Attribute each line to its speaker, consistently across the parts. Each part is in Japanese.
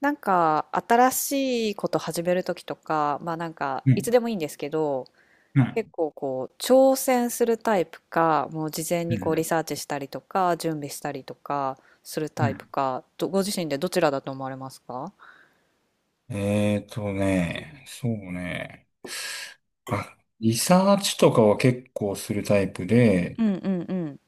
Speaker 1: なんか新しいこと始めるときとか、まあなんか
Speaker 2: う
Speaker 1: いつ
Speaker 2: ん、
Speaker 1: でもいいんですけど、
Speaker 2: う
Speaker 1: 結
Speaker 2: ん、
Speaker 1: 構こう挑戦するタイプか、もう事前
Speaker 2: う
Speaker 1: にこうリ
Speaker 2: ん、
Speaker 1: サーチしたりとか、準備したりとかする
Speaker 2: う
Speaker 1: タイプ
Speaker 2: ん。
Speaker 1: か、ご自身でどちらだと思われますか？うん
Speaker 2: そうね。あ、リサーチとかは結構するタイプで、
Speaker 1: うんうんうん。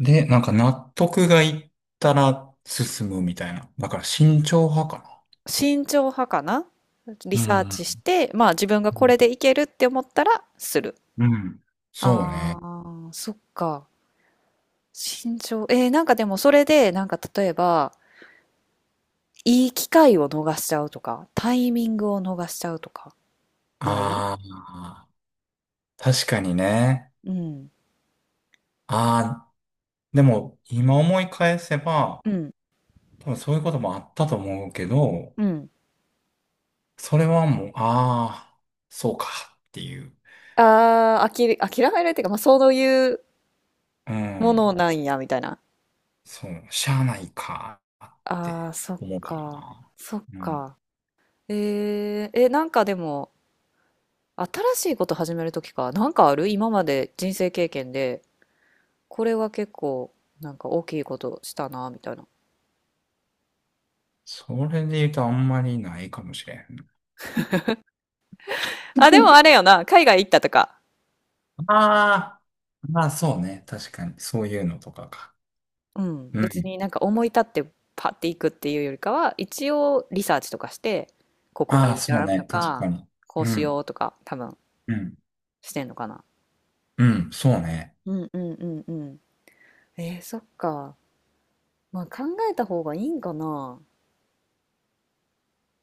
Speaker 2: なんか納得がいったら進むみたいな。だから慎重派か
Speaker 1: 慎重派かな。リ
Speaker 2: な。う
Speaker 1: サーチし
Speaker 2: ん。
Speaker 1: て、まあ自分が
Speaker 2: う
Speaker 1: こ
Speaker 2: ん。
Speaker 1: れでいけるって思ったらする。
Speaker 2: うんそう
Speaker 1: あ
Speaker 2: ね。
Speaker 1: あ、そっか。慎重。なんかでもそれで、なんか例えば、いい機会を逃しちゃうとか、タイミングを逃しちゃうとか、ない？
Speaker 2: ああ、確かにね。
Speaker 1: うん。
Speaker 2: ああ、でも今思い返せば、
Speaker 1: うん。
Speaker 2: 多分そういうこともあったと思うけど、
Speaker 1: うん。
Speaker 2: それはもう、ああ、そうかっていう。
Speaker 1: ああ、あきれ、諦めるっていうか、まあ、そういう
Speaker 2: う
Speaker 1: もの
Speaker 2: ん。
Speaker 1: なんや、みたいな。
Speaker 2: そう、しゃあないかっ
Speaker 1: ああ、
Speaker 2: て
Speaker 1: そっ
Speaker 2: 思うか
Speaker 1: か。
Speaker 2: な。
Speaker 1: そっ
Speaker 2: うん。
Speaker 1: か。なんかでも、新しいこと始めるときか、なんかある今まで人生経験で、これは結構、なんか大きいことしたな、みたいな。
Speaker 2: それで言うとあんまりないかもしれん。
Speaker 1: あ、でもあれよな、海外行ったとか。
Speaker 2: ああ、まあそうね。確かに。そういうのとかか。
Speaker 1: うん。
Speaker 2: う
Speaker 1: 別
Speaker 2: ん。
Speaker 1: になんか思い立ってパッて行くっていうよりかは、一応リサーチとかして、ここが
Speaker 2: ああ、
Speaker 1: いい
Speaker 2: そう
Speaker 1: なと
Speaker 2: ね。確
Speaker 1: か、
Speaker 2: かに。
Speaker 1: こう
Speaker 2: う
Speaker 1: しよ
Speaker 2: ん。
Speaker 1: うとか、多分
Speaker 2: うん。
Speaker 1: してんのかな。
Speaker 2: うん。そうね。
Speaker 1: うんうんうんうん。そっか。まあ考えた方がいいんかな。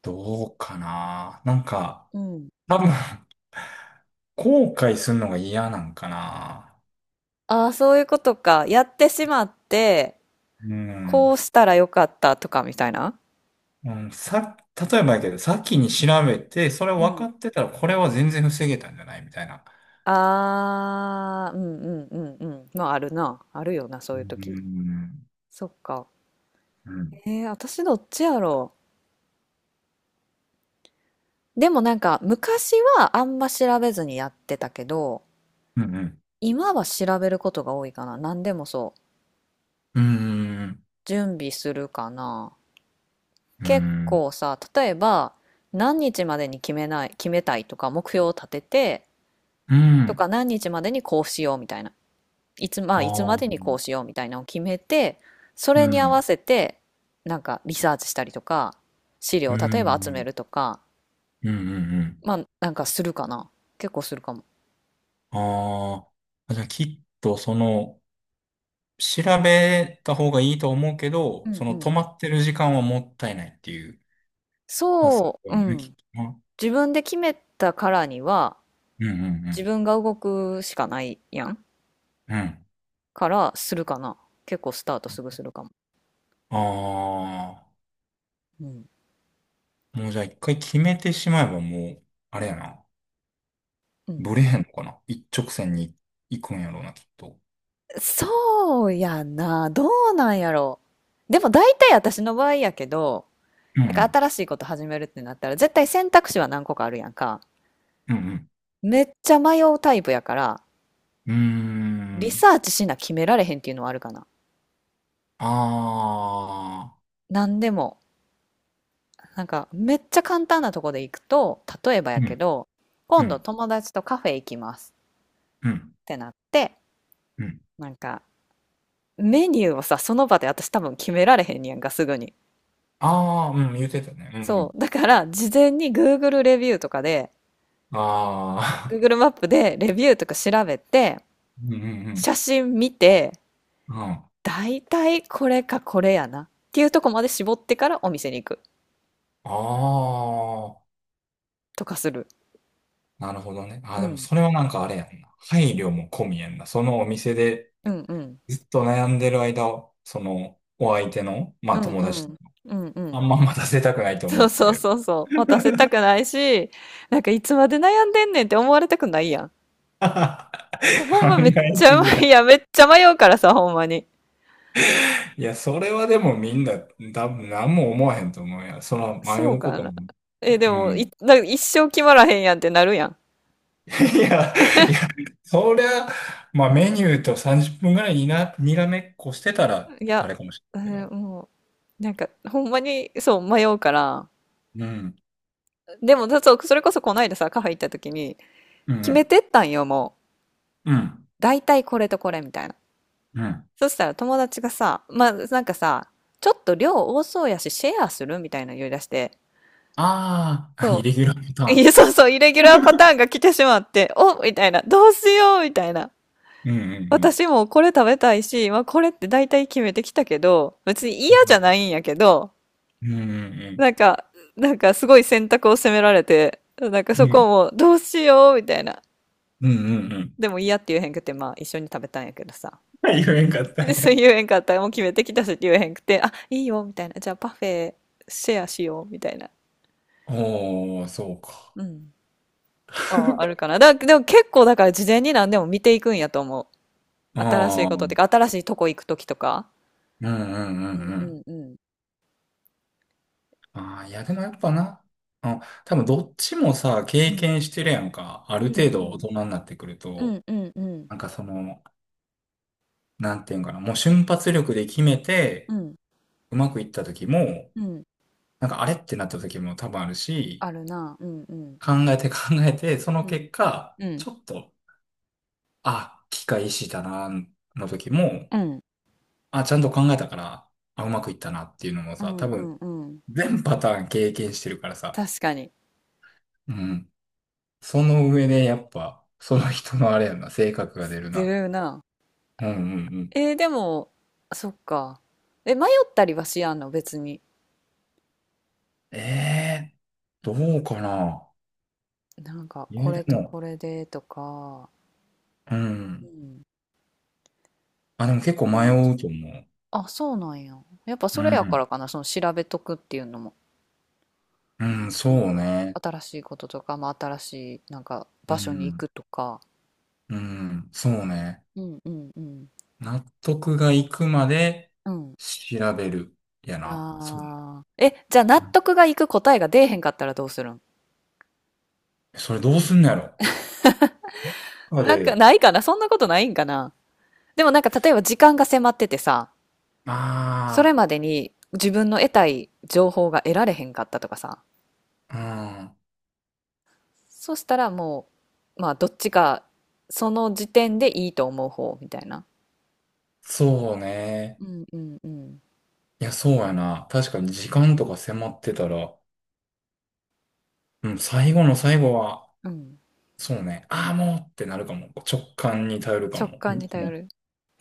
Speaker 2: どうかな。なんか、
Speaker 1: うん。
Speaker 2: 多分、後悔するのが嫌なんかな。
Speaker 1: ああ、そういうことか。やってしまって、
Speaker 2: う
Speaker 1: こ
Speaker 2: ん。
Speaker 1: うしたらよかったとかみたいな。
Speaker 2: うん、例えばやけど、先に調べて、それ
Speaker 1: う
Speaker 2: 分か
Speaker 1: ん。
Speaker 2: ってたら、これは全然防げたんじゃないみたいな。
Speaker 1: ああ、うんうんうんうん。まああるな。あるよな、そ
Speaker 2: う
Speaker 1: ういう時。
Speaker 2: ん。
Speaker 1: そっか。
Speaker 2: うん。
Speaker 1: 私どっちやろう。でもなんか昔はあんま調べずにやってたけど、
Speaker 2: うん。
Speaker 1: 今は調べることが多いかな。何でもそう。
Speaker 2: うん。
Speaker 1: 準備するかな。
Speaker 2: う
Speaker 1: 結
Speaker 2: ん。
Speaker 1: 構さ、例えば何日までに決めたいとか目標を立てて、
Speaker 2: う
Speaker 1: と
Speaker 2: ん。
Speaker 1: か何日までにこうしようみたいな。まあいつま
Speaker 2: あ
Speaker 1: でに
Speaker 2: あ。
Speaker 1: こうしようみたいなのを決めて、そ
Speaker 2: う
Speaker 1: れに合わ
Speaker 2: ん。
Speaker 1: せてなんかリサーチしたりとか、資料
Speaker 2: う
Speaker 1: を例えば集め
Speaker 2: ん。
Speaker 1: るとか、
Speaker 2: うん。うん。
Speaker 1: まあなんかするかな。結構するかも。
Speaker 2: ああ。じゃあ、きっと、調べた方がいいと思うけ
Speaker 1: う
Speaker 2: ど、
Speaker 1: んう
Speaker 2: 止
Speaker 1: ん。
Speaker 2: まってる時間はもったいないっていう発
Speaker 1: そ
Speaker 2: 想
Speaker 1: う、う
Speaker 2: ね、き
Speaker 1: ん。
Speaker 2: っとな。
Speaker 1: 自分で決めたからには
Speaker 2: うん。うん。う
Speaker 1: 自
Speaker 2: ん。
Speaker 1: 分が動くしかないやん
Speaker 2: うん。
Speaker 1: からするかな。結構スタートすぐするかも。
Speaker 2: あ
Speaker 1: うん
Speaker 2: あ。もう、じゃあ、一回決めてしまえば、もう、あれやな。
Speaker 1: うん。
Speaker 2: ブレへんのかな。一直線に行くんやろうな、きっと。
Speaker 1: そうやな、どうなんやろう。でも大体私の場合やけど、
Speaker 2: う
Speaker 1: なんか
Speaker 2: ん。
Speaker 1: 新しいこと始めるってなったら絶対選択肢は何個かあるやんか。
Speaker 2: うん。うん。
Speaker 1: めっちゃ迷うタイプやから、
Speaker 2: うー
Speaker 1: リ
Speaker 2: ん。
Speaker 1: サーチしな決められへんっていうのはあるかな。
Speaker 2: ああ。
Speaker 1: 何でも。なんかめっちゃ簡単なとこで行くと例えば
Speaker 2: う
Speaker 1: やけ
Speaker 2: ん。
Speaker 1: ど、今
Speaker 2: う
Speaker 1: 度
Speaker 2: ん。
Speaker 1: 友達とカフェ行きます
Speaker 2: う
Speaker 1: っ
Speaker 2: ん。
Speaker 1: てなって、
Speaker 2: うん。
Speaker 1: なんか、メニューをさ、その場で私多分決められへんねやんか、すぐに。
Speaker 2: ああ、うん。言ってたね。う
Speaker 1: そう。だから、事前に Google レビューとかで、
Speaker 2: ん。ああ。
Speaker 1: Google マップでレビューとか調べて、
Speaker 2: うん。うん。
Speaker 1: 写真見て、
Speaker 2: うん。うん
Speaker 1: だいたいこれかこれやな。っていうとこまで絞ってからお店に行く。
Speaker 2: ああ。
Speaker 1: とかする。
Speaker 2: なるほどね。あ
Speaker 1: う
Speaker 2: あ、でも
Speaker 1: ん。
Speaker 2: それはなんかあれやんな。配慮も込みやんな。そのお店で
Speaker 1: うんうん。
Speaker 2: ずっと悩んでる間を、お相手の、ま
Speaker 1: う
Speaker 2: あ
Speaker 1: ん
Speaker 2: 友
Speaker 1: う
Speaker 2: 達と、
Speaker 1: ん。うんう
Speaker 2: あ
Speaker 1: ん。
Speaker 2: んま待たせたくないと思
Speaker 1: そう
Speaker 2: って
Speaker 1: そう
Speaker 2: る。
Speaker 1: そうそう。待たせたくないし、なんかいつまで悩んでんねんって思われたくないやん。ほん
Speaker 2: 考
Speaker 1: まめっ
Speaker 2: え
Speaker 1: ち
Speaker 2: す
Speaker 1: ゃ
Speaker 2: ぎ
Speaker 1: 迷い
Speaker 2: や。
Speaker 1: や、めっちゃ迷うからさ、ほんまに。
Speaker 2: いや、それはでもみんな、多分何も思わへんと思うやその迷
Speaker 1: そう
Speaker 2: うこ
Speaker 1: か
Speaker 2: と
Speaker 1: な。
Speaker 2: も。ね
Speaker 1: で
Speaker 2: う
Speaker 1: も、
Speaker 2: ん。
Speaker 1: 一生決まらへんやんってなるやん。
Speaker 2: いや、いや、そりゃ、まあメニューと30分ぐらいにな、にらめっこしてたら、
Speaker 1: い
Speaker 2: あ
Speaker 1: や、
Speaker 2: れかもし
Speaker 1: え
Speaker 2: れないけ
Speaker 1: ー
Speaker 2: ど。
Speaker 1: もう、なんか、ほんまに、そう、迷うから。
Speaker 2: うん。
Speaker 1: でも、だそうそれこそこの間さ、カフェ行った時に、
Speaker 2: う
Speaker 1: 決め
Speaker 2: ん。
Speaker 1: てったんよ、もう。
Speaker 2: うん。
Speaker 1: 大体これとこれみたいな。
Speaker 2: うん。
Speaker 1: そしたら友達がさ、まあ、なんかさ、ちょっと量多そうやし、シェアするみたいなの言い出して、
Speaker 2: ああー、イ
Speaker 1: そ
Speaker 2: レギュラーパ
Speaker 1: う。いや、
Speaker 2: タ
Speaker 1: そうそう、イレギュラーパターンが来てしまって、おみたいな、どうしようみたいな。
Speaker 2: ーン。うんうんうん。
Speaker 1: 私もこれ食べたいし、まあ、これって大体決めてきたけど、別に嫌じゃないんやけど、
Speaker 2: うんうんうん。
Speaker 1: なんか、なんかすごい選択を責められて、なんかそこ
Speaker 2: う
Speaker 1: もどうしようみたいな。
Speaker 2: んうんうん。うん
Speaker 1: でも嫌って言えへんくて、まあ一緒に食べたんやけどさ。
Speaker 2: 言えんかっ た
Speaker 1: で、
Speaker 2: ん
Speaker 1: そう
Speaker 2: や。
Speaker 1: 言えへんかったら、もう決めてきたしって言えへんくて、あ、いいよみたいな。じゃあパフェシェアしようみたいな。
Speaker 2: おー、そうか。
Speaker 1: うん。とかはあるかな。でも結構だから事前に何でも見ていくんやと思う。新し
Speaker 2: あ
Speaker 1: い
Speaker 2: あ、
Speaker 1: ことっ
Speaker 2: う
Speaker 1: て
Speaker 2: ん
Speaker 1: か、新しいとこ行くときとか。
Speaker 2: うんう
Speaker 1: うん
Speaker 2: んう
Speaker 1: う
Speaker 2: ん。
Speaker 1: んうん。
Speaker 2: ああ、いや、でもやっぱな、あ、多分どっちもさ、
Speaker 1: う
Speaker 2: 経
Speaker 1: ん
Speaker 2: 験してるやんか。ある
Speaker 1: うん
Speaker 2: 程
Speaker 1: う
Speaker 2: 度大
Speaker 1: ん。
Speaker 2: 人になってくる
Speaker 1: う
Speaker 2: と、
Speaker 1: んうんうん
Speaker 2: なんかその、なんていうんかな、もう瞬発力で決め
Speaker 1: う
Speaker 2: て、
Speaker 1: ん
Speaker 2: うまくいった時も、
Speaker 1: うん。
Speaker 2: なんかあれってなった時も多分あるし、
Speaker 1: あるな。うんうん
Speaker 2: 考えて考えて、その
Speaker 1: うん
Speaker 2: 結果、
Speaker 1: うん
Speaker 2: ちょっと、あ、機械意識だな、の時も、
Speaker 1: うん
Speaker 2: あ、ちゃんと考えたから、あ、うまくいったなっていうのも
Speaker 1: う
Speaker 2: さ、
Speaker 1: ん
Speaker 2: 多
Speaker 1: う
Speaker 2: 分、
Speaker 1: んうん。
Speaker 2: 全パターン経験してるからさ。
Speaker 1: 確かに。
Speaker 2: うん。その上でやっぱ、その人のあれやな、性格が出る
Speaker 1: ず
Speaker 2: な。
Speaker 1: るいな。
Speaker 2: うんうんうん。
Speaker 1: えー、でもそっか。迷ったりはしやんの別に？
Speaker 2: ええー、どうかな。
Speaker 1: なんか
Speaker 2: い
Speaker 1: こ
Speaker 2: や、で
Speaker 1: れと
Speaker 2: も、
Speaker 1: これでとか。
Speaker 2: う
Speaker 1: う
Speaker 2: ん。
Speaker 1: ん。
Speaker 2: あ、でも結構
Speaker 1: それ
Speaker 2: 迷
Speaker 1: はちょ
Speaker 2: うと思
Speaker 1: あ、そうなんや。やっぱ
Speaker 2: う。う
Speaker 1: それやから
Speaker 2: ん。
Speaker 1: かな、その調べとくっていうのも。
Speaker 2: うん、そ
Speaker 1: なん
Speaker 2: う
Speaker 1: か
Speaker 2: ね。
Speaker 1: 新しいこととか、まあ、新しいなんか
Speaker 2: う
Speaker 1: 場所に行
Speaker 2: ん。
Speaker 1: くとか。
Speaker 2: うん、そうね。
Speaker 1: うんうんうん
Speaker 2: 納得がいくまで
Speaker 1: うん。
Speaker 2: 調べる。やな。そう。
Speaker 1: ああ。え、じゃあ納
Speaker 2: うん
Speaker 1: 得がいく答えが出えへんかったらどうするん？
Speaker 2: それどうすんのやろ。あ
Speaker 1: なんか
Speaker 2: で。
Speaker 1: ないかな、そんなことないんかな。でもなんか例えば時間が迫っててさ、それ
Speaker 2: あ
Speaker 1: までに自分の得たい情報が得られへんかったとかさ、
Speaker 2: あ、うん。
Speaker 1: そしたらもう、まあどっちか、その時点でいいと思う方みたいな。
Speaker 2: そうね。
Speaker 1: うんうんうん。
Speaker 2: いや、そうやな。確かに時間とか迫ってたら、うん、最後の最後は、
Speaker 1: うん。
Speaker 2: そうね、ああ、もうってなるかも。直感に頼るか
Speaker 1: 直
Speaker 2: も。
Speaker 1: 感に
Speaker 2: に
Speaker 1: 頼
Speaker 2: も
Speaker 1: る。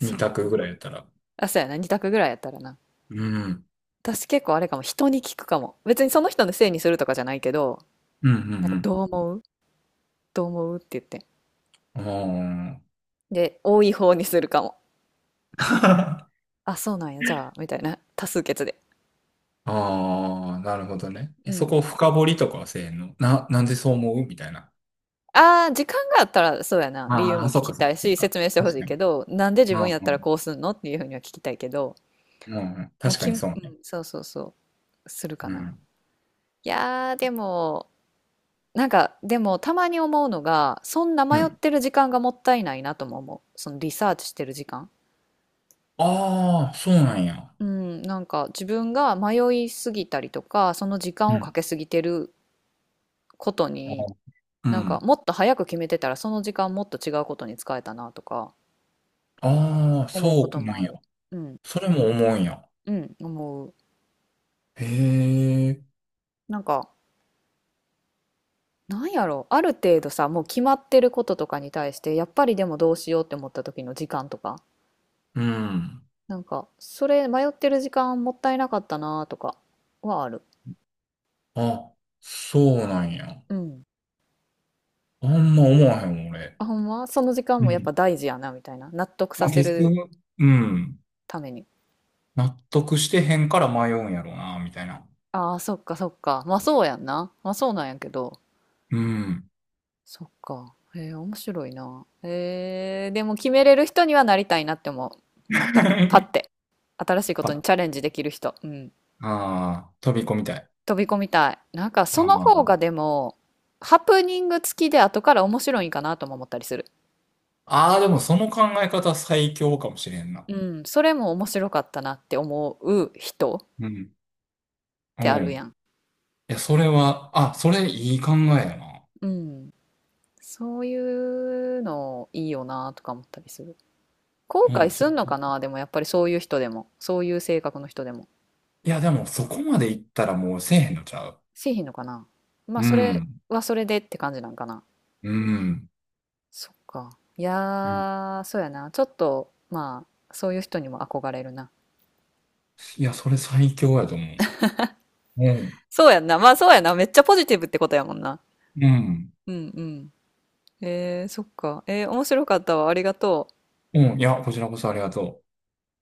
Speaker 2: う、二
Speaker 1: っ
Speaker 2: 択ぐ
Speaker 1: か。
Speaker 2: らいやったら。
Speaker 1: あ、そうやな。二択ぐらいやったらな。
Speaker 2: うん。
Speaker 1: 私結構あれかも。人に聞くかも。別にその人のせいにするとかじゃないけど、
Speaker 2: う
Speaker 1: なんか
Speaker 2: ん、
Speaker 1: どう思うって言って。
Speaker 2: うん。あ
Speaker 1: で、多い方にするかも。
Speaker 2: あ。
Speaker 1: あ、そうなんや、じゃあ、みたいな。多数決で。
Speaker 2: ああ、なるほどね。
Speaker 1: う
Speaker 2: え、そ
Speaker 1: んう
Speaker 2: こ
Speaker 1: ん。
Speaker 2: 深掘りとかはせえへんのな、なんでそう思うみたいな。
Speaker 1: ああ、時間があったら、そうやな。理由
Speaker 2: あ
Speaker 1: も
Speaker 2: あ、そ
Speaker 1: 聞
Speaker 2: っ
Speaker 1: き
Speaker 2: かそっ
Speaker 1: た
Speaker 2: か
Speaker 1: い
Speaker 2: そっ
Speaker 1: し、
Speaker 2: か。
Speaker 1: 説明してほし
Speaker 2: 確
Speaker 1: い
Speaker 2: かに。
Speaker 1: けど、なんで自
Speaker 2: うん
Speaker 1: 分やっ
Speaker 2: う
Speaker 1: たら
Speaker 2: ん、
Speaker 1: こうすんのっていうふうには聞きたいけど、
Speaker 2: うんうん。
Speaker 1: もう
Speaker 2: 確か
Speaker 1: き、
Speaker 2: にそうね。
Speaker 1: そうそうそう、するか
Speaker 2: う
Speaker 1: な。
Speaker 2: ん。
Speaker 1: いやー、でも、なんか、でも、たまに思うのが、そんな
Speaker 2: う
Speaker 1: 迷っ
Speaker 2: ん。
Speaker 1: てる時間がもったいないなとも思う。そのリサーチしてる時間。
Speaker 2: ああ、そうなんや。
Speaker 1: うん、なんか自分が迷いすぎたりとか、その時
Speaker 2: う
Speaker 1: 間をか
Speaker 2: ん。
Speaker 1: けすぎてること
Speaker 2: あ
Speaker 1: に、
Speaker 2: ーう
Speaker 1: なんか
Speaker 2: ん。
Speaker 1: もっと早く決めてたらその時間もっと違うことに使えたなとか
Speaker 2: ああ、
Speaker 1: 思うこ
Speaker 2: そ
Speaker 1: と
Speaker 2: うな
Speaker 1: も
Speaker 2: ん
Speaker 1: あ
Speaker 2: や。
Speaker 1: る。うん、
Speaker 2: それも思うんや。
Speaker 1: うん、思う。
Speaker 2: へえ。
Speaker 1: なんか、なんやろう、ある程度さ、もう決まってることとかに対して、やっぱりでもどうしようって思った時の時間とか、
Speaker 2: うん。
Speaker 1: なんか、それ迷ってる時間もったいなかったなとかはある。
Speaker 2: あ、そうなんや。
Speaker 1: うん。
Speaker 2: あんま思わへん、俺。
Speaker 1: あ、ほんまその時間
Speaker 2: う
Speaker 1: もやっぱ
Speaker 2: ん。
Speaker 1: 大事やなみたいな。納得さ
Speaker 2: まあ
Speaker 1: せ
Speaker 2: 結
Speaker 1: る
Speaker 2: 局、うん。
Speaker 1: ために。
Speaker 2: 納得してへんから迷うんやろうな、みたいな。
Speaker 1: ああー、そっかそっか。まあそうやんな。まあそうなんやけど。
Speaker 2: うん。
Speaker 1: そっか。へえ、面白いな。へえ、でも決めれる人にはなりたいなって思 う。なんか、パ
Speaker 2: や
Speaker 1: ッて、新しい
Speaker 2: っ
Speaker 1: ことに
Speaker 2: ぱ
Speaker 1: チャレンジできる人。うん。
Speaker 2: ああ飛び込みたい。
Speaker 1: 飛び込みたい。なんか、その方が
Speaker 2: あ
Speaker 1: でも、ハプニング付きで後から面白いんかなとも思ったりする。
Speaker 2: ああー、でもその考え方最強かもしれんな。
Speaker 1: うん。それも面白かったなって思う人っ
Speaker 2: うん。う
Speaker 1: てある
Speaker 2: ん。
Speaker 1: やん。
Speaker 2: いや、それは、あ、それいい考えやな。
Speaker 1: うん。そういうのいいよなとか思ったりする。後
Speaker 2: う
Speaker 1: 悔
Speaker 2: ん、そ
Speaker 1: す
Speaker 2: れ
Speaker 1: んの
Speaker 2: ちょ
Speaker 1: かな、でもやっぱりそういう人でも。そういう性格の人でも。
Speaker 2: いや、でもそこまでいったらもうせえへんのちゃう。
Speaker 1: せえへんのかな。まあ
Speaker 2: う
Speaker 1: それ
Speaker 2: ん。
Speaker 1: はそれでって感じなんかな。
Speaker 2: うん。
Speaker 1: そっか。いや
Speaker 2: うん
Speaker 1: ーそうやな、ちょっと、まあそういう人にも憧れるな。
Speaker 2: いや、それ最強やと思う。うん。
Speaker 1: そうやんな、まあそうやな、めっちゃポジティブってことやもんな。
Speaker 2: うん。
Speaker 1: うんうん。えー、そっか。えー、面白かったわ、ありがとう。
Speaker 2: うん。いや、こちらこそありがとう。